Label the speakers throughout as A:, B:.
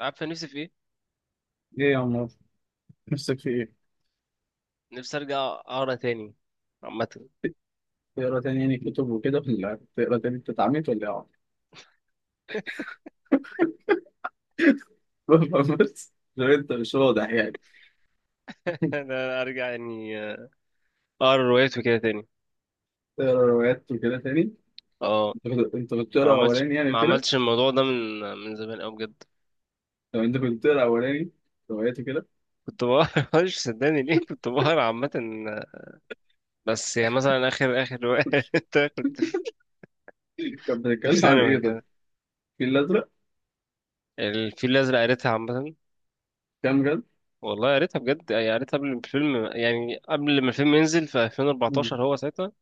A: عارفه نفسي في ايه.
B: ايه يا عمر، نفسك في ايه؟
A: نفسي ارجع اقرا تاني عامه.
B: تقرا تاني يعني كتب وكده، ولا تقرا تاني انت اتعميت ولا ايه يا عمر؟ بس لو انت مش واضح يعني
A: انا ارجع يعني اقرا روايات وكده تاني.
B: تقرا روايات وكده تاني.
A: اه،
B: انت كنت
A: ما
B: بتقرا
A: عملتش
B: اولاني يعني
A: ما
B: وكده.
A: عملتش الموضوع ده من زمان قوي بجد.
B: طب انت كنت بتقرا اولاني روايات وكده؟
A: كنت بقرا، مش صدقني ليه كنت بقرا عامه. بس يعني مثلا اخر روايه قريتها كنت في،
B: كان
A: كنت في
B: بتتكلم عن
A: ثانوي
B: ايه طيب؟
A: كده.
B: الفيل الازرق؟
A: الفيل الازرق قريتها عامه.
B: كام جد؟
A: والله قريتها بجد يعني قريتها قبل ما الفيلم، يعني قبل ما الفيلم ينزل في
B: مم.
A: 2014. هو ساعتها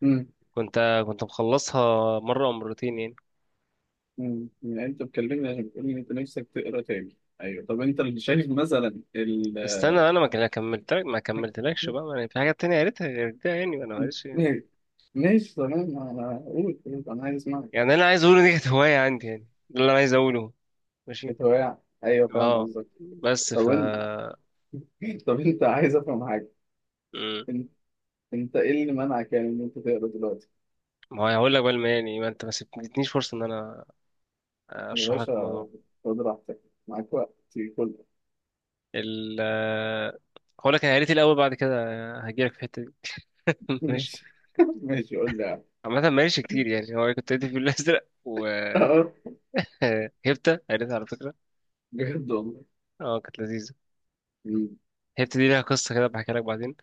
B: مم.
A: كنت كنت مخلصها مره او مرتين يعني.
B: يعني انت بتكلمني عشان بتقول ان انت نفسك تقرا تاني. ايوه طب انت اللي شايف مثلا ال...
A: استنى، انا ما كان- كملت، ما كملتلكش بقى، ما أنا في حاجات تانية قريتها غير ده يعني، ما انا معلش يعني.
B: ماشي، ماشي تمام، انا قول، انا عايز اسمعك.
A: يعني اللي انا عايز اقوله دي كانت هواية عندي يعني، ده اللي انا عايز اقوله. ماشي.
B: كانت هواية، ايوه فاهم
A: اه
B: قصدك.
A: بس
B: طب طب انت عايز افهم حاجه،
A: مم.
B: انت انت ايه اللي منعك يعني ان انت تقرا دلوقتي؟
A: ما هو هقول لك بقى يعني ما انت ما سبتنيش فرصة ان انا
B: يا
A: اشرح لك
B: باشا
A: الموضوع.
B: خد راحتك، معاك وقت كله.
A: ال هقول لك انا قريت إيه الاول، بعد كده هجيلك في الحتة دي. ماشي.
B: ماشي. ماشي قول لي يعني.
A: عامة ما قريتش كتير يعني، هو كنت قريت الفيل الازرق وهبتة.
B: اه
A: قريتها على فكرة.
B: بجد والله.
A: اه كانت لذيذة.
B: مم.
A: هبتة دي ليها قصة كده بحكي لك بعدين.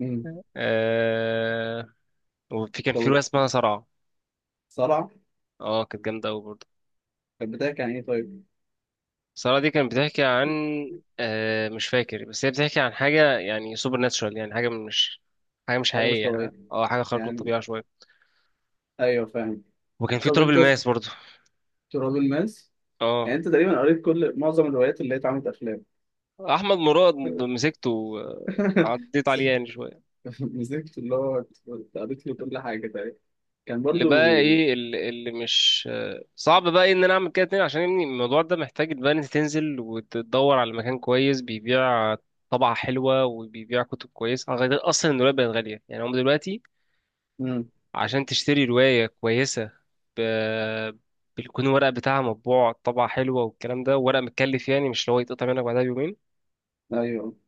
B: مم.
A: آه، وفي كان في
B: طب
A: رواية اسمها صرع.
B: صلع،
A: اه كانت جامدة أوي برضه.
B: كانت بتاعك يعني ايه طيب؟
A: صرع دي كانت بتحكي عن، مش فاكر، بس هي بتحكي عن حاجة يعني سوبر ناتشورال، يعني حاجة مش، حاجة مش
B: حاجه مش
A: حقيقية. ها؟
B: طبيعيه
A: اه حاجة خارقة
B: يعني،
A: للطبيعة شوية.
B: ايوه فاهم.
A: وكان في
B: طب
A: تراب
B: انت
A: الماس برضه.
B: تراب الماس، يعني
A: اه
B: انت تقريبا قريت كل معظم الروايات اللي هي اتعملت افلام.
A: أحمد مراد مسكته، عديت عليه يعني شوية.
B: مسكت اللي هو، قريت له كل حاجه تقريبا، كان
A: اللي بقى
B: برضو.
A: ايه، اللي مش صعب بقى إيه ان انا اعمل كده تاني، عشان يعني الموضوع ده محتاج بقى ان انت تنزل وتدور على مكان كويس بيبيع طبعة حلوة وبيبيع كتب كويسة، غير اصلا الرواية بقت غالية يعني هم دلوقتي
B: مم.
A: عشان تشتري رواية كويسة. ب... بيكون الورق بتاعها مطبوع طبعة حلوة والكلام ده، ورق متكلف يعني، مش اللي هو يتقطع منك بعدها بيومين.
B: ايوه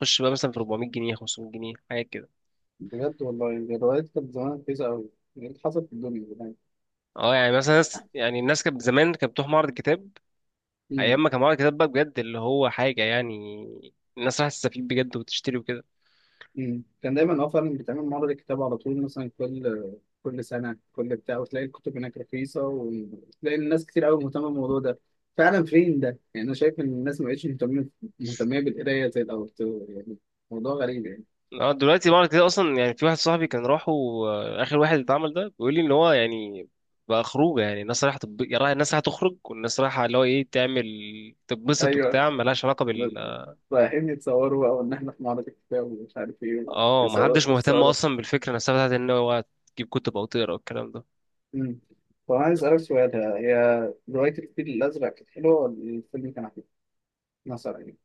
A: خش بقى مثلا في 400 جنيه، 500 جنيه، حاجات كده.
B: بجد والله، الروايات كانت زمان رخيصة أوي، يعني حصلت في الدنيا زمان.
A: اه يعني مثلا ناس، يعني الناس كانت زمان كانت بتروح معرض الكتاب
B: مم.
A: ايام ما كان معانا كتاب بقى بجد، اللي هو حاجه يعني الناس راح تستفيد بجد وتشتري وكده.
B: كان دايما اه فعلا بتعمل معرض كتاب على طول، مثلا كل سنة كل بتاع، وتلاقي الكتب هناك رخيصة، وتلاقي الناس كتير أوي مهتمة بالموضوع ده فعلا. فين ده؟ يعني أنا شايف إن الناس ما بقتش مهتمية بالقراية زي الأول يعني، موضوع غريب يعني.
A: اه دلوقتي معرض كده اصلا يعني، في واحد صاحبي كان راحه، اخر واحد اتعمل ده، بيقول لي ان هو يعني بقى خروجه. يعني الناس رايحه يعني الناس رايحه تخرج، والناس رايحه اللي هو ايه، تعمل تتبسط
B: أيوه،
A: وبتاع، ملهاش علاقه
B: رايحين يتصوروا بقى وإن إحنا في معرض الكتاب ومش عارف إيه.
A: اه،
B: والصور-
A: محدش مهتم
B: والصور
A: اصلا بالفكره نفسها بتاعت ان هو تجيب كتب او تقرا والكلام ده.
B: مم. طب عايز أسألك سؤال، هي رواية الفيل الأزرق كانت حلوة ولا الفيلم اللي كان حلو؟ مثلا يعني.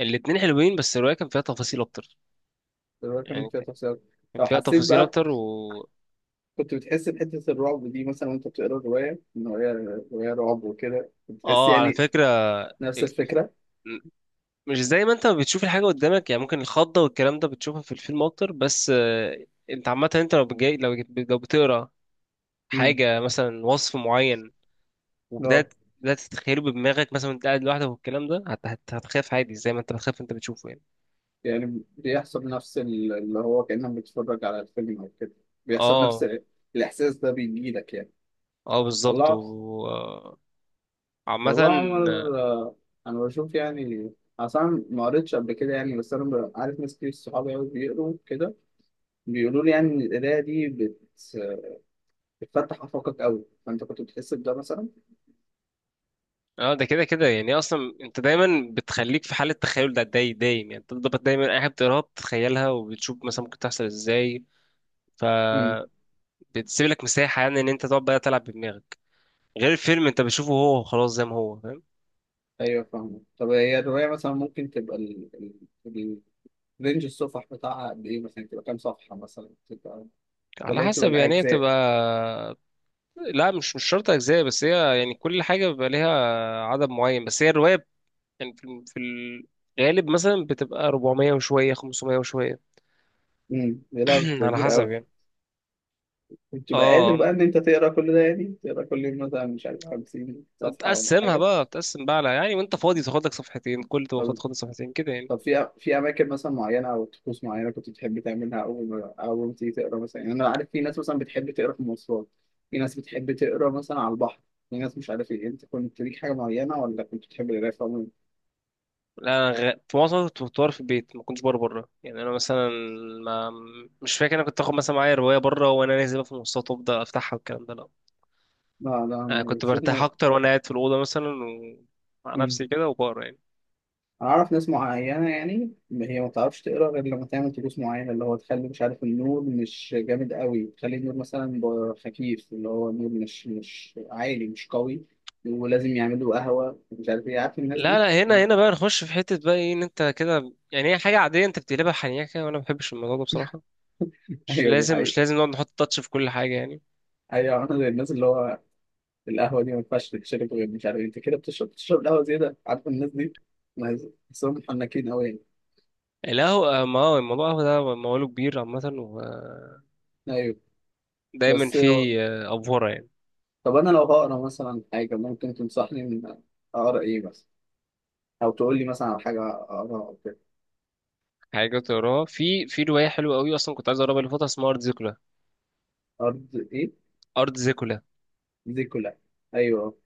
A: الاتنين حلوين، بس الرواية كان فيها تفاصيل أكتر،
B: الرواية كان
A: يعني
B: فيها تفسير.
A: كان
B: لو
A: فيها
B: حسيت
A: تفاصيل
B: بقى
A: أكتر
B: كنت بتحس بحتة الرعب دي مثلا وأنت بتقرا الرواية إن هي رواية رعب وكده، بتحس
A: آه، على
B: يعني
A: فكرة.
B: نفس
A: ال...
B: الفكرة؟
A: مش زي ما انت بتشوف الحاجة قدامك يعني، ممكن الخضة والكلام ده بتشوفها في الفيلم اكتر، بس انت عامة انت لو جاي، لو بتقرا
B: امم
A: حاجة مثلا وصف معين،
B: لا،
A: وبدأت بدأت تتخيله بدماغك مثلا وانت قاعد لوحدك والكلام ده، هتخاف عادي زي ما انت بتخاف انت بتشوفه يعني.
B: يعني بيحصل نفس اللي هو كأنك بتتفرج على الفيلم أو كده؟ بيحصل نفس
A: اه
B: الإحساس ده بيجيلك يعني؟
A: اه بالظبط
B: الله،
A: و عامة.
B: والله يا عمر انا بشوف يعني اصلا ما قريتش قبل كده يعني، بس انا عارف ناس كتير صحابي قوي بيقروا كده، بيقولوا لي يعني ان القرايه دي بتفتح افاقك قوي، فانت كنت بتحس بده مثلا؟
A: اه ده كده كده يعني، اصلا انت دايما بتخليك في حالة تخيل ده، دايم يعني، انت بتبقى دايما اي حاجة بتقراها بتتخيلها وبتشوف مثلا ممكن تحصل ازاي. ف
B: امم
A: بتسيب لك مساحه يعني ان انت تقعد بقى تلعب بدماغك، غير الفيلم انت بتشوفه هو خلاص زي ما هو فاهم.
B: ايوه فاهم. طب هي الروايه مثلا ممكن تبقى ال... رينج الصفح بتاعها قد ايه مثلا؟ تبقى كام صفحه مثلا؟ تبقى
A: على
B: ولا هي بتبقى
A: حسب يعني، هي
B: الاجزاء؟
A: بتبقى، لا مش شرط اجزاء، بس هي يعني كل حاجه بيبقى ليها عدد معين، بس هي الروايه يعني في الغالب مثلا بتبقى 400 وشويه، 500 وشويه.
B: لا بتبقى
A: على
B: كبيره
A: حسب
B: قوي.
A: يعني.
B: بتبقى قادر
A: اه
B: بقى ان انت تقرا كل ده يعني؟ تقرا كل يوم مثلا مش عارف 50 صفحه ولا
A: بتقسمها
B: حاجه؟
A: بقى، بتقسم بقى على يعني، وانت فاضي تاخد لك صفحتين، كل تبقى فاضي
B: طب
A: تاخد صفحتين كده يعني.
B: طب في اماكن مثلا معينه او طقوس معينه كنت بتحب تعملها اول ما تيجي تقرا مثلا؟ يعني انا عارف في ناس مثلا بتحب تقرا في المواصلات، في ناس بتحب تقرا مثلا على البحر، في ناس مش عارف ايه. انت كنت ليك حاجه معينه ولا كنت بتحب القرايه في عموم؟
A: لا، أنا في معظم الوقت كنت بطور في البيت، ما كنتش بره بره يعني. انا مثلا ما مش فاكر انا كنت اخد مثلا معايا روايه بره وانا نازل بقى في المواصلات وابدا افتحها والكلام ده، لا.
B: لا
A: انا
B: لا
A: كنت برتاح
B: شفنا.
A: اكتر وانا قاعد في الاوضه مثلا، مع
B: مم.
A: نفسي كده وبقرا يعني.
B: انا اعرف ناس معينه يعني هي ما بتعرفش تقرا غير لما تعمل طقوس معينه، اللي هو تخلي مش عارف النور مش جامد قوي، تخلي النور مثلا خفيف، اللي هو النور مش عالي مش قوي، ولازم يعملوا قهوه مش عارف ايه، عارف الناس
A: لا
B: دي؟
A: لا، هنا هنا بقى نخش في حته بقى ايه ان انت كده، يعني هي حاجه عاديه انت بتقلبها حنيكه، وانا ما بحبش الموضوع ده بصراحه. مش
B: ايوه دي
A: لازم،
B: حقيقة.
A: مش لازم نقعد نحط تاتش في كل حاجه يعني.
B: ايوه انا زي الناس اللي هو القهوة دي ما ينفعش تتشرب غير مش عارف إيه. انت كده بتشرب القهوة زيادة، عارف الناس دي؟ ناس بحسهم محنكين قوي يعني.
A: القهوه، ما هو الموضوع القهوه ده موضوع كبير عامه،
B: ايوه.
A: ودايما
B: بس هو-
A: فيه افوره يعني.
B: طب انا لو هقرا مثلا حاجة ممكن تنصحني من اقرا ايه مثلا، او تقول لي مثلا على حاجة اقراها او كده؟
A: حاجة تقراها، في رواية حلوة قوي أصلا كنت عايز أقراها اللي فاتت، اسمها أرض زيكولا.
B: ارض ايه؟
A: أرض زيكولا،
B: دي كلها؟ ايوه،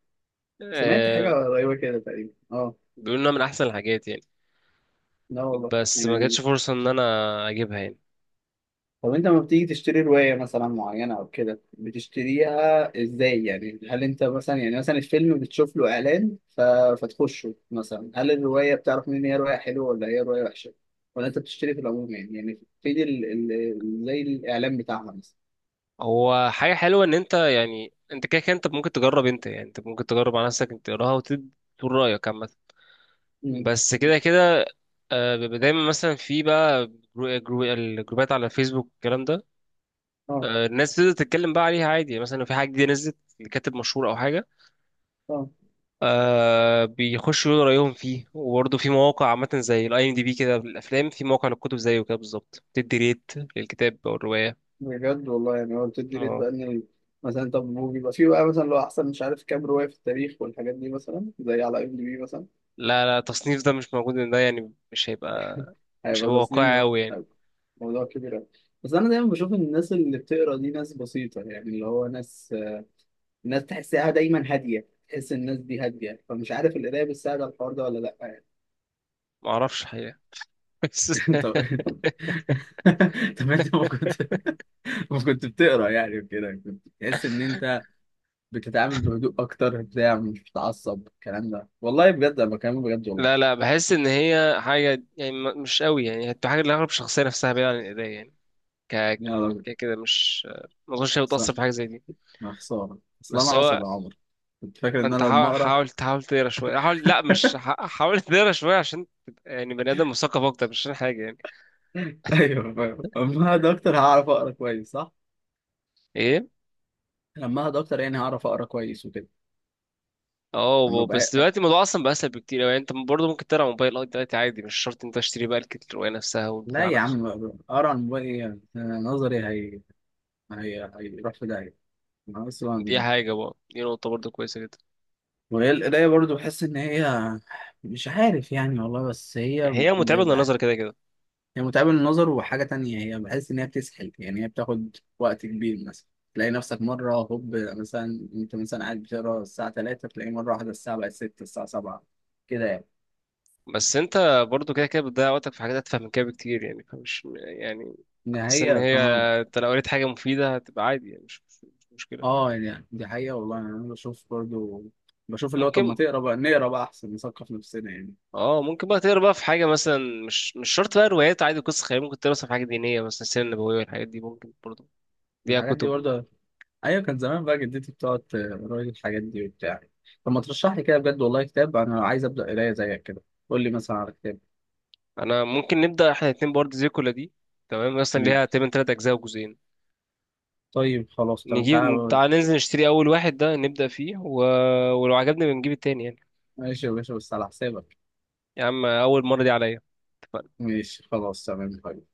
B: سمعت
A: آه.
B: حاجة قريبة كده تقريبا، اه.
A: بيقولوا إنها من أحسن الحاجات يعني،
B: لا والله
A: بس ما
B: يعني.
A: جاتش فرصة إن أنا أجيبها يعني.
B: طب انت لما بتيجي تشتري رواية مثلا معينة او كده، بتشتريها ازاي يعني؟ هل انت مثلا يعني، مثلا الفيلم بتشوف له اعلان فتخشه مثلا، هل الرواية بتعرف منين هي رواية حلوة ولا هي رواية وحشة؟ ولا انت بتشتري في العموم يعني؟ يعني في زي الاعلان بتاعها مثلا؟
A: هو حاجة حلوة إن أنت يعني، أنت كده كده أنت ممكن تجرب، أنت ممكن تجرب على نفسك، أنت تقراها وتقول رأيك عامة.
B: مم.
A: بس كده كده، آه بيبقى دايما مثلا في بقى، الجروبات على الفيسبوك الكلام ده.
B: اه.
A: آه الناس بتبدأ تتكلم بقى عليها عادي يعني، مثلا لو في حاجة جديدة نزلت لكاتب مشهور أو حاجة،
B: اه
A: آه بيخشوا يقولوا رأيهم فيه. وبرضه في مواقع عامة زي الاي ام دي بي كده للأفلام، في موقع للكتب زيه كده بالظبط، بتدي ريت للكتاب أو الرواية.
B: بجد والله، يعني هو بتدي ريت
A: اه
B: بقى ان مثلا؟ طب هو بيبقى في بقى مثلا لو احسن مش عارف كام رواية في التاريخ والحاجات دي، مثلا زي على ام دي بي مثلا؟
A: لا لا، التصنيف ده مش موجود، إن ده يعني مش هيبقى مش
B: هيبقى
A: هيبقى واقعي
B: تصميم،
A: أوي يعني.
B: هيبقى موضوع كبير أوي. بس أنا دايما بشوف إن الناس اللي بتقرا دي ناس بسيطة يعني، اللي هو ناس، ناس تحسها دايما هادية، تحس الناس دي هادية. فمش عارف القراية بتساعد على الحوار ده ولا لأ يعني؟
A: معرفش حقيقة. بس،
B: طب طب انت ما كنت بتقرا يعني وكده، كنت تحس ان انت بتتعامل بهدوء اكتر بتاع، مش بتعصب الكلام ده، والله بجد انا بكلمك بجد والله؟
A: لا لا بحس إن هي حاجة يعني، مش أوي يعني، هتبقى حاجة لأغلب الشخصية نفسها بعيدة عن الإيديا يعني. ك
B: يا راجل،
A: كده مش، ما أظنش هي
B: صح.
A: بتأثر في حاجة زي دي.
B: يا خساره اصل انا
A: بس هو
B: عصبي يا عمر، كنت فاكر
A: ما
B: ان
A: انت
B: انا لما
A: حاول
B: اقرا...
A: حاول تحاول تقرا شويه، حاول، لا مش حاول تقرا شويه عشان تبقى يعني بني ادم مثقف اكتر، مش عشان حاجه يعني.
B: ايوه فاهم، اما اقعد اكتر هعرف اقرا كويس، صح؟
A: ايه،
B: لما اقعد اكتر يعني هعرف اقرا كويس وكده. لما
A: اه بس
B: ابقى...
A: دلوقتي الموضوع اصلا بقى اسهل بكتير يعني، انت برضه ممكن تقرا موبايل، اه دلوقتي عادي، مش شرط انت تشتري بقى الروايه نفسها
B: لا
A: والبتاع
B: يا
A: نفسه.
B: عم، اقرا عن موبايل ايه! نظري هي هي هيروح في داهيه. انا
A: دي
B: اصلا
A: حاجه بقى، دي نقطه برضه كويسه جدا.
B: وهي القرايه برضو بحس ان هي مش عارف يعني، والله بس هي...
A: هي متعبه للنظر
B: بيبقى-
A: كده كده.
B: هي متعبه للنظر، وحاجه تانية هي بحس ان هي بتسحل يعني، هي بتاخد وقت كبير مثلا، تلاقي نفسك مرة هوب مثلا انت مثلا قاعد بتقرا الساعة 3، تلاقي مرة واحدة الساعة بقت 6 الساعة 7، كده يعني.
A: بس انت برضه كده كده بتضيع وقتك في حاجات اتفه من كده بكتير يعني، فمش يعني
B: دي
A: حاسس ان
B: حقيقة
A: هي،
B: فأنا...
A: انت لو قريت حاجه مفيده هتبقى عادي يعني، مش مشكله.
B: آه يعني دي حقيقة والله يعني، أنا بشوف برضو، بشوف اللي هو طب ما
A: ممكن
B: تقرا بقى، نقرا بقى أحسن، نثقف نفسنا يعني.
A: اه ممكن بقى تقرا بقى في حاجه مثلا، مش شرط بقى روايات عادي، قصص خياليه، ممكن تقرا مثلا في حاجه دينيه مثلا السيره النبويه والحاجات دي ممكن برضه ليها
B: الحاجات دي
A: كتب.
B: برضه، أيوة، كان زمان بقى جدتي بتقعد تقرا لي الحاجات دي وبتاع. طب ما ترشح لي كده بجد والله كتاب، أنا عايز أبدأ قراية زيك كده، قول لي مثلا على كتاب.
A: انا ممكن نبدا احنا الاتنين برضه زي كلها دي. تمام، مثلا
B: ماشي،
A: ليها تقريبا تلات اجزاء وجزئين.
B: طيب خلاص تمام
A: نجيب،
B: تعالى.
A: تعال ننزل نشتري اول واحد ده نبدا فيه، ولو عجبني بنجيب التاني يعني.
B: ماشي يا باشا بس على حسابك.
A: يا عم اول مره دي عليا.
B: ماشي خلاص تمام طيب.